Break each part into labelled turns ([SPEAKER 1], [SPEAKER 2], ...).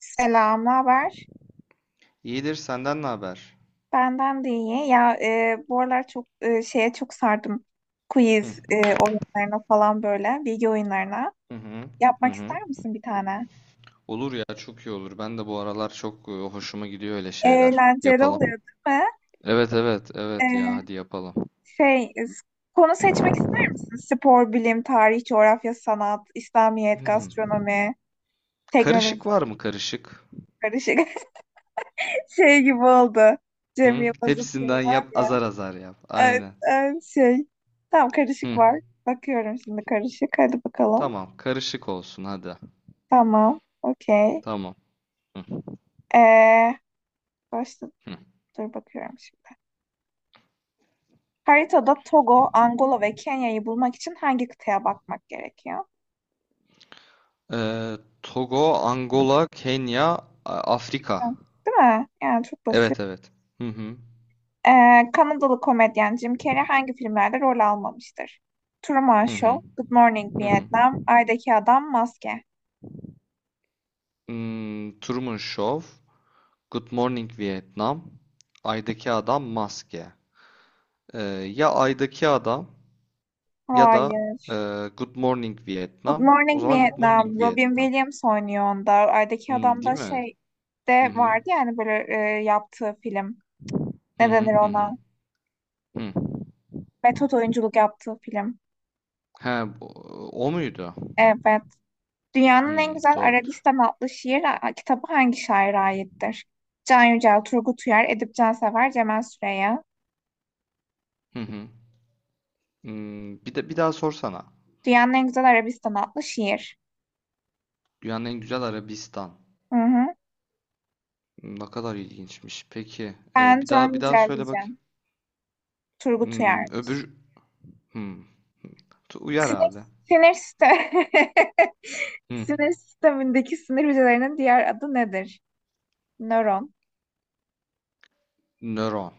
[SPEAKER 1] Selam, ne haber?
[SPEAKER 2] İyidir, senden ne haber?
[SPEAKER 1] Benden de iyi. Ya bu aralar çok şeye çok sardım.
[SPEAKER 2] Hı
[SPEAKER 1] Quiz oyunlarına falan böyle, bilgi oyunlarına.
[SPEAKER 2] hı hı hı.
[SPEAKER 1] Yapmak
[SPEAKER 2] Hı.
[SPEAKER 1] ister misin bir tane?
[SPEAKER 2] Olur ya, çok iyi olur. Ben de bu aralar çok hoşuma gidiyor öyle şeyler.
[SPEAKER 1] Eğlenceli oluyor,
[SPEAKER 2] Yapalım.
[SPEAKER 1] değil mi?
[SPEAKER 2] Evet, evet, evet ya,
[SPEAKER 1] E,
[SPEAKER 2] hadi yapalım.
[SPEAKER 1] şey, e, s- konu seçmek ister misin? Spor, bilim, tarih, coğrafya, sanat, İslamiyet,
[SPEAKER 2] Hmm.
[SPEAKER 1] gastronomi, teknoloji,
[SPEAKER 2] Karışık var mı, karışık?
[SPEAKER 1] karışık. Şey gibi oldu. Cem
[SPEAKER 2] Hı?
[SPEAKER 1] Yılmaz'ın filmi
[SPEAKER 2] Hepsinden
[SPEAKER 1] var
[SPEAKER 2] yap,
[SPEAKER 1] ya.
[SPEAKER 2] azar azar yap. Aynen.
[SPEAKER 1] E, e, şey, tamam, karışık
[SPEAKER 2] Hı.
[SPEAKER 1] var. Bakıyorum şimdi, karışık. Hadi bakalım.
[SPEAKER 2] Tamam, karışık olsun hadi.
[SPEAKER 1] Tamam. Okey.
[SPEAKER 2] Tamam. Hı.
[SPEAKER 1] Ee, başta
[SPEAKER 2] Hı.
[SPEAKER 1] dur, bakıyorum şimdi. Haritada Togo, Angola ve Kenya'yı bulmak için hangi kıtaya bakmak gerekiyor?
[SPEAKER 2] Ee, Togo, Angola, Kenya, Afrika.
[SPEAKER 1] Ben- Değil mi? Yani çok basit.
[SPEAKER 2] Evet, evet. Hı hı.
[SPEAKER 1] Kanadalı komedyen Jim Carrey hangi filmlerde rol almamıştır? Truman
[SPEAKER 2] Hı
[SPEAKER 1] Show,
[SPEAKER 2] hı.
[SPEAKER 1] Good Morning
[SPEAKER 2] Hı hı.
[SPEAKER 1] Vietnam, Ay'daki Adam, Maske.
[SPEAKER 2] Hmm, Truman Show. Good Morning Vietnam, Ay'daki Adam, Maske. Ee, ya Ay'daki Adam ya da e,
[SPEAKER 1] Hayır.
[SPEAKER 2] Good Morning
[SPEAKER 1] Good
[SPEAKER 2] Vietnam. O
[SPEAKER 1] Morning
[SPEAKER 2] zaman Good
[SPEAKER 1] Vietnam,
[SPEAKER 2] Morning
[SPEAKER 1] Robin
[SPEAKER 2] Vietnam.
[SPEAKER 1] Williams oynuyor onda. Ay'daki
[SPEAKER 2] Hmm,
[SPEAKER 1] Adam
[SPEAKER 2] değil
[SPEAKER 1] da
[SPEAKER 2] mi?
[SPEAKER 1] şey
[SPEAKER 2] Hı
[SPEAKER 1] de
[SPEAKER 2] hı.
[SPEAKER 1] vardı, yani böyle yaptığı film.
[SPEAKER 2] Hı
[SPEAKER 1] Ne
[SPEAKER 2] hı
[SPEAKER 1] denir
[SPEAKER 2] hı hı.
[SPEAKER 1] ona?
[SPEAKER 2] Hı.
[SPEAKER 1] Metot oyunculuk yaptığı film.
[SPEAKER 2] He, o muydu?
[SPEAKER 1] Evet. Dünyanın en
[SPEAKER 2] Hmm,
[SPEAKER 1] güzel
[SPEAKER 2] doğrudur.
[SPEAKER 1] Arabistan adlı şiir kitabı hangi şaire aittir? Can Yücel, Turgut Uyar, Edip Cansever, Cemal Süreya.
[SPEAKER 2] Hı hı. Hmm, bir de bir daha sorsana.
[SPEAKER 1] Dünyanın en güzel Arabistan adlı şiir.
[SPEAKER 2] Dünyanın en güzel Arabistan.
[SPEAKER 1] Hı hı.
[SPEAKER 2] Hmm, ne kadar ilginçmiş. Peki,
[SPEAKER 1] Ben
[SPEAKER 2] bir
[SPEAKER 1] Can
[SPEAKER 2] daha, bir daha
[SPEAKER 1] Yücel
[SPEAKER 2] söyle bak.
[SPEAKER 1] diyeceğim. Turgut Uyar.
[SPEAKER 2] Hmm, öbür, hmm. Uyar
[SPEAKER 1] Sinir,
[SPEAKER 2] abi.
[SPEAKER 1] sinir sistemi.
[SPEAKER 2] Hmm.
[SPEAKER 1] Sinir sistemindeki sinir hücrelerinin diğer adı nedir? Nöron.
[SPEAKER 2] Nöron.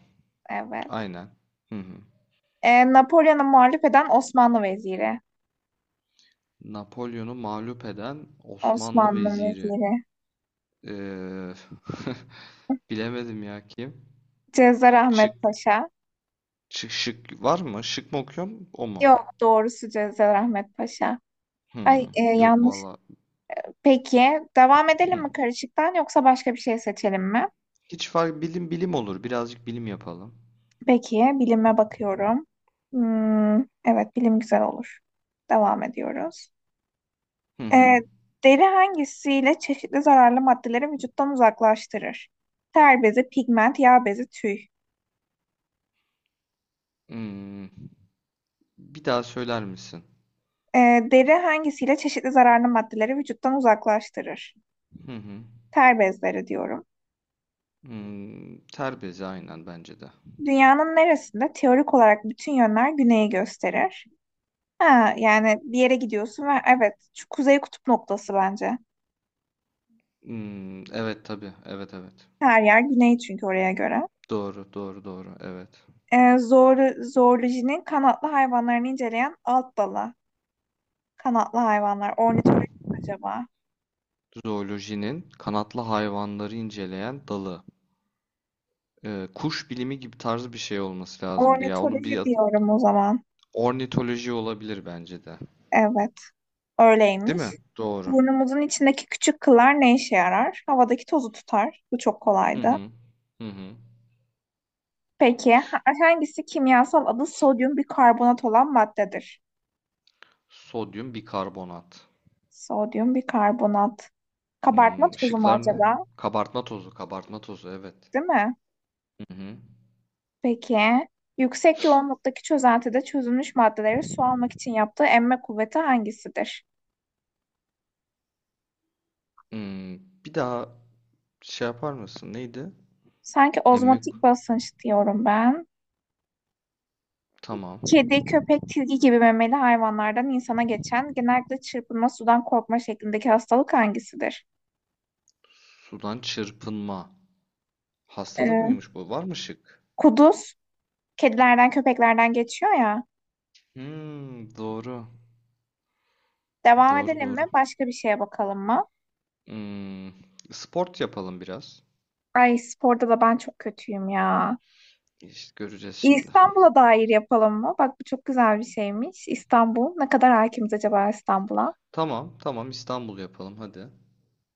[SPEAKER 1] Evet.
[SPEAKER 2] Aynen. Hı hı.
[SPEAKER 1] Napolyon'a muhalif eden Osmanlı veziri.
[SPEAKER 2] Napolyon'u mağlup eden Osmanlı
[SPEAKER 1] Osmanlı
[SPEAKER 2] veziri.
[SPEAKER 1] veziri.
[SPEAKER 2] Ee, bilemedim ya kim.
[SPEAKER 1] Cezar Ahmet
[SPEAKER 2] Şık,
[SPEAKER 1] Paşa.
[SPEAKER 2] şık, şık var mı? Şık mı okuyorum? O mu?
[SPEAKER 1] Yok, doğrusu Cezayirahmet Paşa.
[SPEAKER 2] Hı,
[SPEAKER 1] Ay,
[SPEAKER 2] yok
[SPEAKER 1] yanlış.
[SPEAKER 2] valla.
[SPEAKER 1] Peki, devam edelim
[SPEAKER 2] Hı.
[SPEAKER 1] mi karışıktan, yoksa başka bir şey seçelim mi?
[SPEAKER 2] Hiç fark bilim olur. Birazcık bilim yapalım.
[SPEAKER 1] Peki, bilime bakıyorum. Hmm, evet bilim güzel olur. Devam ediyoruz.
[SPEAKER 2] Hı hı.
[SPEAKER 1] E, deri hangisiyle çeşitli zararlı maddeleri vücuttan uzaklaştırır? Ter bezi, pigment, yağ bezi, tüy.
[SPEAKER 2] Hmm, bir daha söyler misin?
[SPEAKER 1] E, deri hangisiyle çeşitli zararlı maddeleri vücuttan uzaklaştırır?
[SPEAKER 2] Hı hı.
[SPEAKER 1] Ter bezleri diyorum.
[SPEAKER 2] Hmm, terbezi aynen, bence de.
[SPEAKER 1] Dünyanın neresinde teorik olarak bütün yönler güneyi gösterir? Ha, yani bir yere gidiyorsun ve evet, şu kuzey kutup noktası bence.
[SPEAKER 2] Hmm, evet tabii. Evet, evet.
[SPEAKER 1] Her yer güney çünkü oraya göre.
[SPEAKER 2] Doğru, doğru, doğru. Evet.
[SPEAKER 1] Zoolojinin kanatlı hayvanlarını inceleyen alt dalı. Kanatlı hayvanlar. Ornitoloji mi acaba?
[SPEAKER 2] Zoolojinin kanatlı hayvanları inceleyen dalı. Kuş bilimi gibi tarzı bir şey olması lazımdı ya. Onun bir
[SPEAKER 1] Ornitoloji
[SPEAKER 2] adı
[SPEAKER 1] diyorum o zaman.
[SPEAKER 2] ornitoloji olabilir, bence de.
[SPEAKER 1] Evet,
[SPEAKER 2] Değil
[SPEAKER 1] öyleymiş.
[SPEAKER 2] mi? Doğru.
[SPEAKER 1] Burnumuzun içindeki küçük kıllar ne işe yarar? Havadaki tozu tutar. Bu çok
[SPEAKER 2] Hı
[SPEAKER 1] kolaydı.
[SPEAKER 2] hı. Hı hı.
[SPEAKER 1] Peki, hangisi kimyasal adı sodyum bikarbonat olan maddedir?
[SPEAKER 2] Sodyum bikarbonat.
[SPEAKER 1] Sodyum bikarbonat. Kabartma
[SPEAKER 2] Hmm,
[SPEAKER 1] tozu mu
[SPEAKER 2] ışıklar ne?
[SPEAKER 1] acaba?
[SPEAKER 2] Kabartma tozu, kabartma tozu, evet.
[SPEAKER 1] Değil mi?
[SPEAKER 2] Hı hı.
[SPEAKER 1] Peki. Yüksek yoğunluktaki çözeltide çözünmüş maddeleri su almak için yaptığı emme kuvveti hangisidir?
[SPEAKER 2] Hmm, bir daha yapar mısın? Neydi?
[SPEAKER 1] Sanki
[SPEAKER 2] Emmek.
[SPEAKER 1] ozmotik basınç diyorum ben.
[SPEAKER 2] Tamam.
[SPEAKER 1] Kedi, köpek, tilki gibi memeli hayvanlardan insana geçen, genellikle çırpınma, sudan korkma şeklindeki hastalık hangisidir?
[SPEAKER 2] Sudan çırpınma. Hastalık
[SPEAKER 1] Ee,
[SPEAKER 2] mıymış bu? Var mı şık?
[SPEAKER 1] kuduz, kedilerden köpeklerden geçiyor ya.
[SPEAKER 2] Hmm, doğru.
[SPEAKER 1] Devam
[SPEAKER 2] Doğru,
[SPEAKER 1] edelim mi?
[SPEAKER 2] doğru.
[SPEAKER 1] Başka bir şeye bakalım mı?
[SPEAKER 2] Hmm, sport yapalım biraz.
[SPEAKER 1] Ay, sporda da ben çok kötüyüm ya.
[SPEAKER 2] İşte göreceğiz şimdi.
[SPEAKER 1] İstanbul'a dair yapalım mı? Bak, bu çok güzel bir şeymiş. İstanbul. Ne kadar hakimiz acaba İstanbul'a?
[SPEAKER 2] Tamam, tamam, İstanbul yapalım hadi.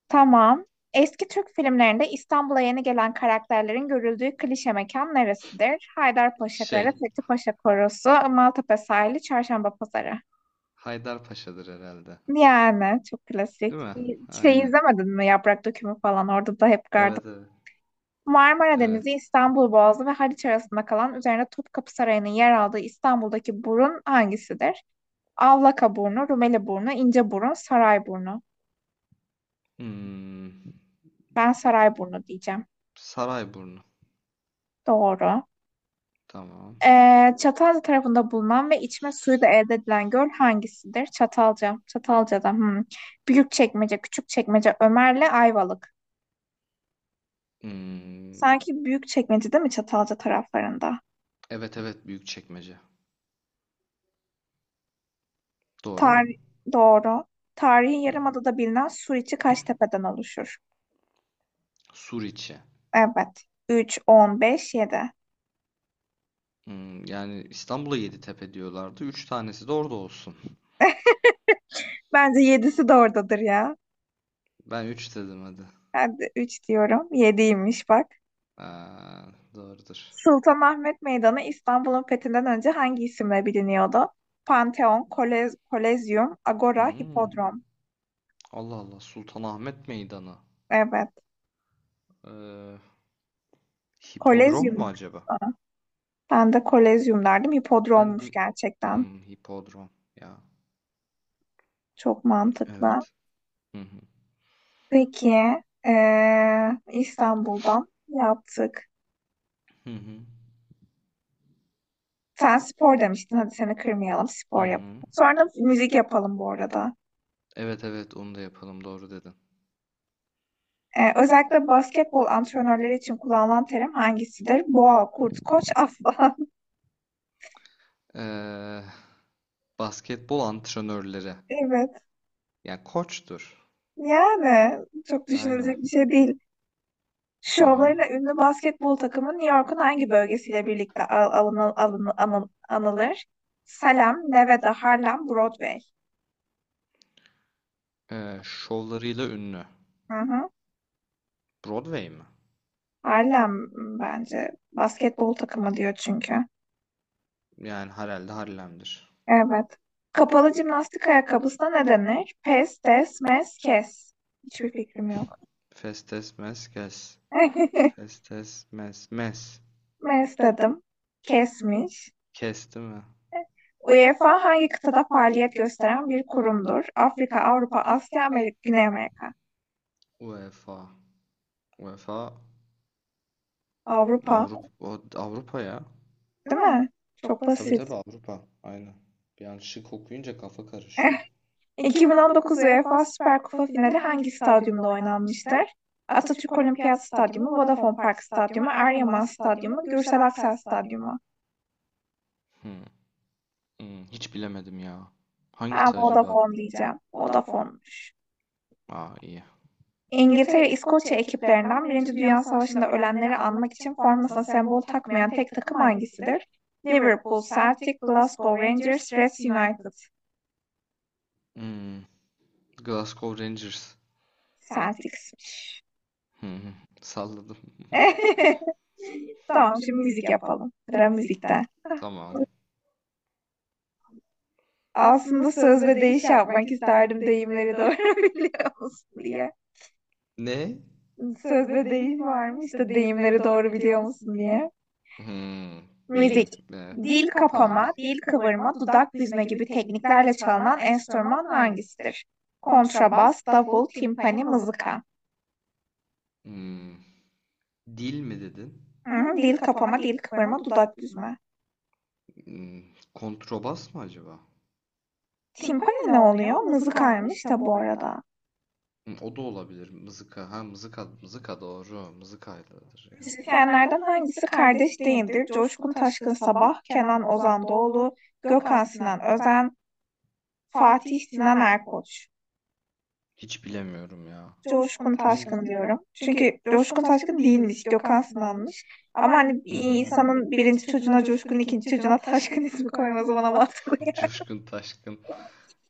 [SPEAKER 1] Tamam. Eski Türk filmlerinde İstanbul'a yeni gelen karakterlerin görüldüğü klişe mekan neresidir? Haydarpaşa Kale,
[SPEAKER 2] Şey,
[SPEAKER 1] Fethi Paşa Korosu, Maltepe Sahili, Çarşamba Pazarı.
[SPEAKER 2] Haydarpaşa'dır herhalde.
[SPEAKER 1] Yani çok
[SPEAKER 2] Değil
[SPEAKER 1] klasik.
[SPEAKER 2] mi?
[SPEAKER 1] Şey,
[SPEAKER 2] Aynen.
[SPEAKER 1] izlemedin mi Yaprak Dökümü falan? Orada da hep gardım.
[SPEAKER 2] Evet, evet.
[SPEAKER 1] Marmara Denizi,
[SPEAKER 2] Evet.
[SPEAKER 1] İstanbul Boğazı ve Haliç arasında kalan, üzerine Topkapı Sarayı'nın yer aldığı İstanbul'daki burun hangisidir? Avlaka burnu, Rumeli burnu, ince burun, saray burnu.
[SPEAKER 2] Hmm,
[SPEAKER 1] Ben saray burnu diyeceğim.
[SPEAKER 2] Sarayburnu.
[SPEAKER 1] Doğru.
[SPEAKER 2] Tamam.
[SPEAKER 1] Çatalca tarafında bulunan ve içme suyu da elde edilen göl hangisidir? Çatalca. Çatalca'da. Hmm. Büyükçekmece, Küçükçekmece, Ömer'le Ayvalık.
[SPEAKER 2] Hmm,
[SPEAKER 1] Sanki Büyükçekmece, değil mi Çatalca taraflarında?
[SPEAKER 2] evet, evet Büyükçekmece. Doğru mu?
[SPEAKER 1] Tarih doğru. Tarihi
[SPEAKER 2] Hı.
[SPEAKER 1] Yarımada'da bilinen Suriçi kaç tepeden oluşur?
[SPEAKER 2] Suriçi.
[SPEAKER 1] Evet. 3, 15, 7.
[SPEAKER 2] Hmm, yani İstanbul'a Yeditepe diyorlardı. Üç tanesi de orada olsun.
[SPEAKER 1] Bence 7'si de oradadır ya.
[SPEAKER 2] Ben üç dedim hadi.
[SPEAKER 1] Ben de 3 diyorum. Yediymiş bak.
[SPEAKER 2] Aa, doğrudur.
[SPEAKER 1] Sultanahmet Meydanı İstanbul'un fethinden önce hangi isimle biliniyordu? Panteon, Kolez, Kolezyum, Agora,
[SPEAKER 2] Hmm.
[SPEAKER 1] Hipodrom.
[SPEAKER 2] Allah Allah, Sultanahmet Meydanı.
[SPEAKER 1] Evet.
[SPEAKER 2] Ee, hipodrom mu
[SPEAKER 1] Kolezyum.
[SPEAKER 2] acaba?
[SPEAKER 1] Ben de Kolezyum derdim.
[SPEAKER 2] Ben de
[SPEAKER 1] Hipodrommuş gerçekten.
[SPEAKER 2] hmm, hipodrom ya.
[SPEAKER 1] Çok mantıklı.
[SPEAKER 2] Evet. Hı hı.
[SPEAKER 1] Peki, İstanbul'dan yaptık.
[SPEAKER 2] Hı hı.
[SPEAKER 1] Sen spor demiştin. Hadi, seni kırmayalım.
[SPEAKER 2] Hı
[SPEAKER 1] Spor yapalım.
[SPEAKER 2] hı.
[SPEAKER 1] Sonra müzik yapalım bu arada.
[SPEAKER 2] Evet, evet, onu da yapalım, doğru dedin.
[SPEAKER 1] Özellikle basketbol antrenörleri için kullanılan terim hangisidir? Boğa, kurt, koç, aslan.
[SPEAKER 2] Ee, basketbol antrenörleri.
[SPEAKER 1] Evet.
[SPEAKER 2] Yani koçtur.
[SPEAKER 1] Yani çok
[SPEAKER 2] Aynen.
[SPEAKER 1] düşünülecek bir şey değil.
[SPEAKER 2] Hı hı.
[SPEAKER 1] Şovlarıyla ünlü basketbol takımı New York'un hangi bölgesiyle birlikte al alını- alını- anı- anılır? Salem, Nevada, Harlem, Broadway.
[SPEAKER 2] Şovlarıyla ünlü.
[SPEAKER 1] Hı hı.
[SPEAKER 2] Broadway mi?
[SPEAKER 1] Harlem, bence basketbol takımı diyor çünkü.
[SPEAKER 2] Yani herhalde Harlem'dir.
[SPEAKER 1] Evet. Kapalı jimnastik ayakkabısına ne denir? Pes, des, mes, kes. Hiçbir fikrim yok.
[SPEAKER 2] Festes mes kes. Festes mes mes.
[SPEAKER 1] Mes dedim. Kesmiş.
[SPEAKER 2] Kes değil mi?
[SPEAKER 1] UEFA hangi kıtada faaliyet gösteren bir kurumdur? Afrika, Avrupa, Asya, Amerika, Güney Amerika.
[SPEAKER 2] UEFA. UEFA
[SPEAKER 1] Avrupa,
[SPEAKER 2] Avrupa, Avrupa ya.
[SPEAKER 1] değil mi? Çok
[SPEAKER 2] Tabii,
[SPEAKER 1] basit.
[SPEAKER 2] tabii Avrupa. Aynen. Bir an şık okuyunca kafa
[SPEAKER 1] Eh,
[SPEAKER 2] karışıyor.
[SPEAKER 1] 2019 UEFA Süper Kupa finali hangi stadyumda oynanmıştır? Atatürk Olimpiyat Stadyumu, Vodafone Park Stadyumu, Eryaman Stadyumu, Gürsel Aksel Stadyumu.
[SPEAKER 2] Hmm, hmm, hiç bilemedim ya.
[SPEAKER 1] Ben
[SPEAKER 2] Hangisi acaba?
[SPEAKER 1] Vodafone diyeceğim. Vodafone'muş.
[SPEAKER 2] Aa, iyi.
[SPEAKER 1] İngiltere ve İskoçya ekiplerinden Birinci Dünya Savaşı'nda ölenleri anmak için formasına sembol takmayan tek takım hangisidir? Liverpool, Celtic, Glasgow Rangers, Leeds United.
[SPEAKER 2] Hmm, Glasgow Rangers.
[SPEAKER 1] Celtics.
[SPEAKER 2] Hmm, salladım.
[SPEAKER 1] Tamam, şimdi müzik yapalım. Sıra müzikte.
[SPEAKER 2] Tamam.
[SPEAKER 1] Aslında söz ve deyiş yapmak isterdim, deyimleri doğru biliyor musun diye.
[SPEAKER 2] Ne?
[SPEAKER 1] Söz ve deyim var mı işte, deyimleri doğru biliyor musun diye.
[SPEAKER 2] Hmm,
[SPEAKER 1] Müzik,
[SPEAKER 2] deyim. Be.
[SPEAKER 1] dil
[SPEAKER 2] Tamam.
[SPEAKER 1] kapama, dil kıvırma, dudak büzme gibi tekniklerle çalınan enstrüman hangisidir? Kontrabas, davul, timpani, mızıka.
[SPEAKER 2] Hmm, dil mi dedin?
[SPEAKER 1] Hı, dil kapama, dil kıvırma, dudak büzme.
[SPEAKER 2] Hmm, kontrabas mı acaba?
[SPEAKER 1] Timpani ne oluyor? Mızıkaymış da bu arada.
[SPEAKER 2] Hmm, o da olabilir. Mızıka. Ha, mızıka, mızıka doğru. Mızıkayladır ya.
[SPEAKER 1] Müzisyenlerden hangisi kardeş değildir? Coşkun Taşkın Sabah, Kenan Ozan Doğulu, Gökhan Sinan Özen, Fatih Sinan Erkoç.
[SPEAKER 2] Hiç bilemiyorum ya.
[SPEAKER 1] Coşkun
[SPEAKER 2] Hangi?
[SPEAKER 1] Taşkın diyorum. Çünkü Coşkun Taşkın değilmiş, Gökhan Sınan'mış. Ama hani bir
[SPEAKER 2] Hı hı.
[SPEAKER 1] insanın birinci çocuğuna Coşkun, ikinci çocuğuna Taşkın ismi koyması bana mantıklı
[SPEAKER 2] Coşkun Taşkın.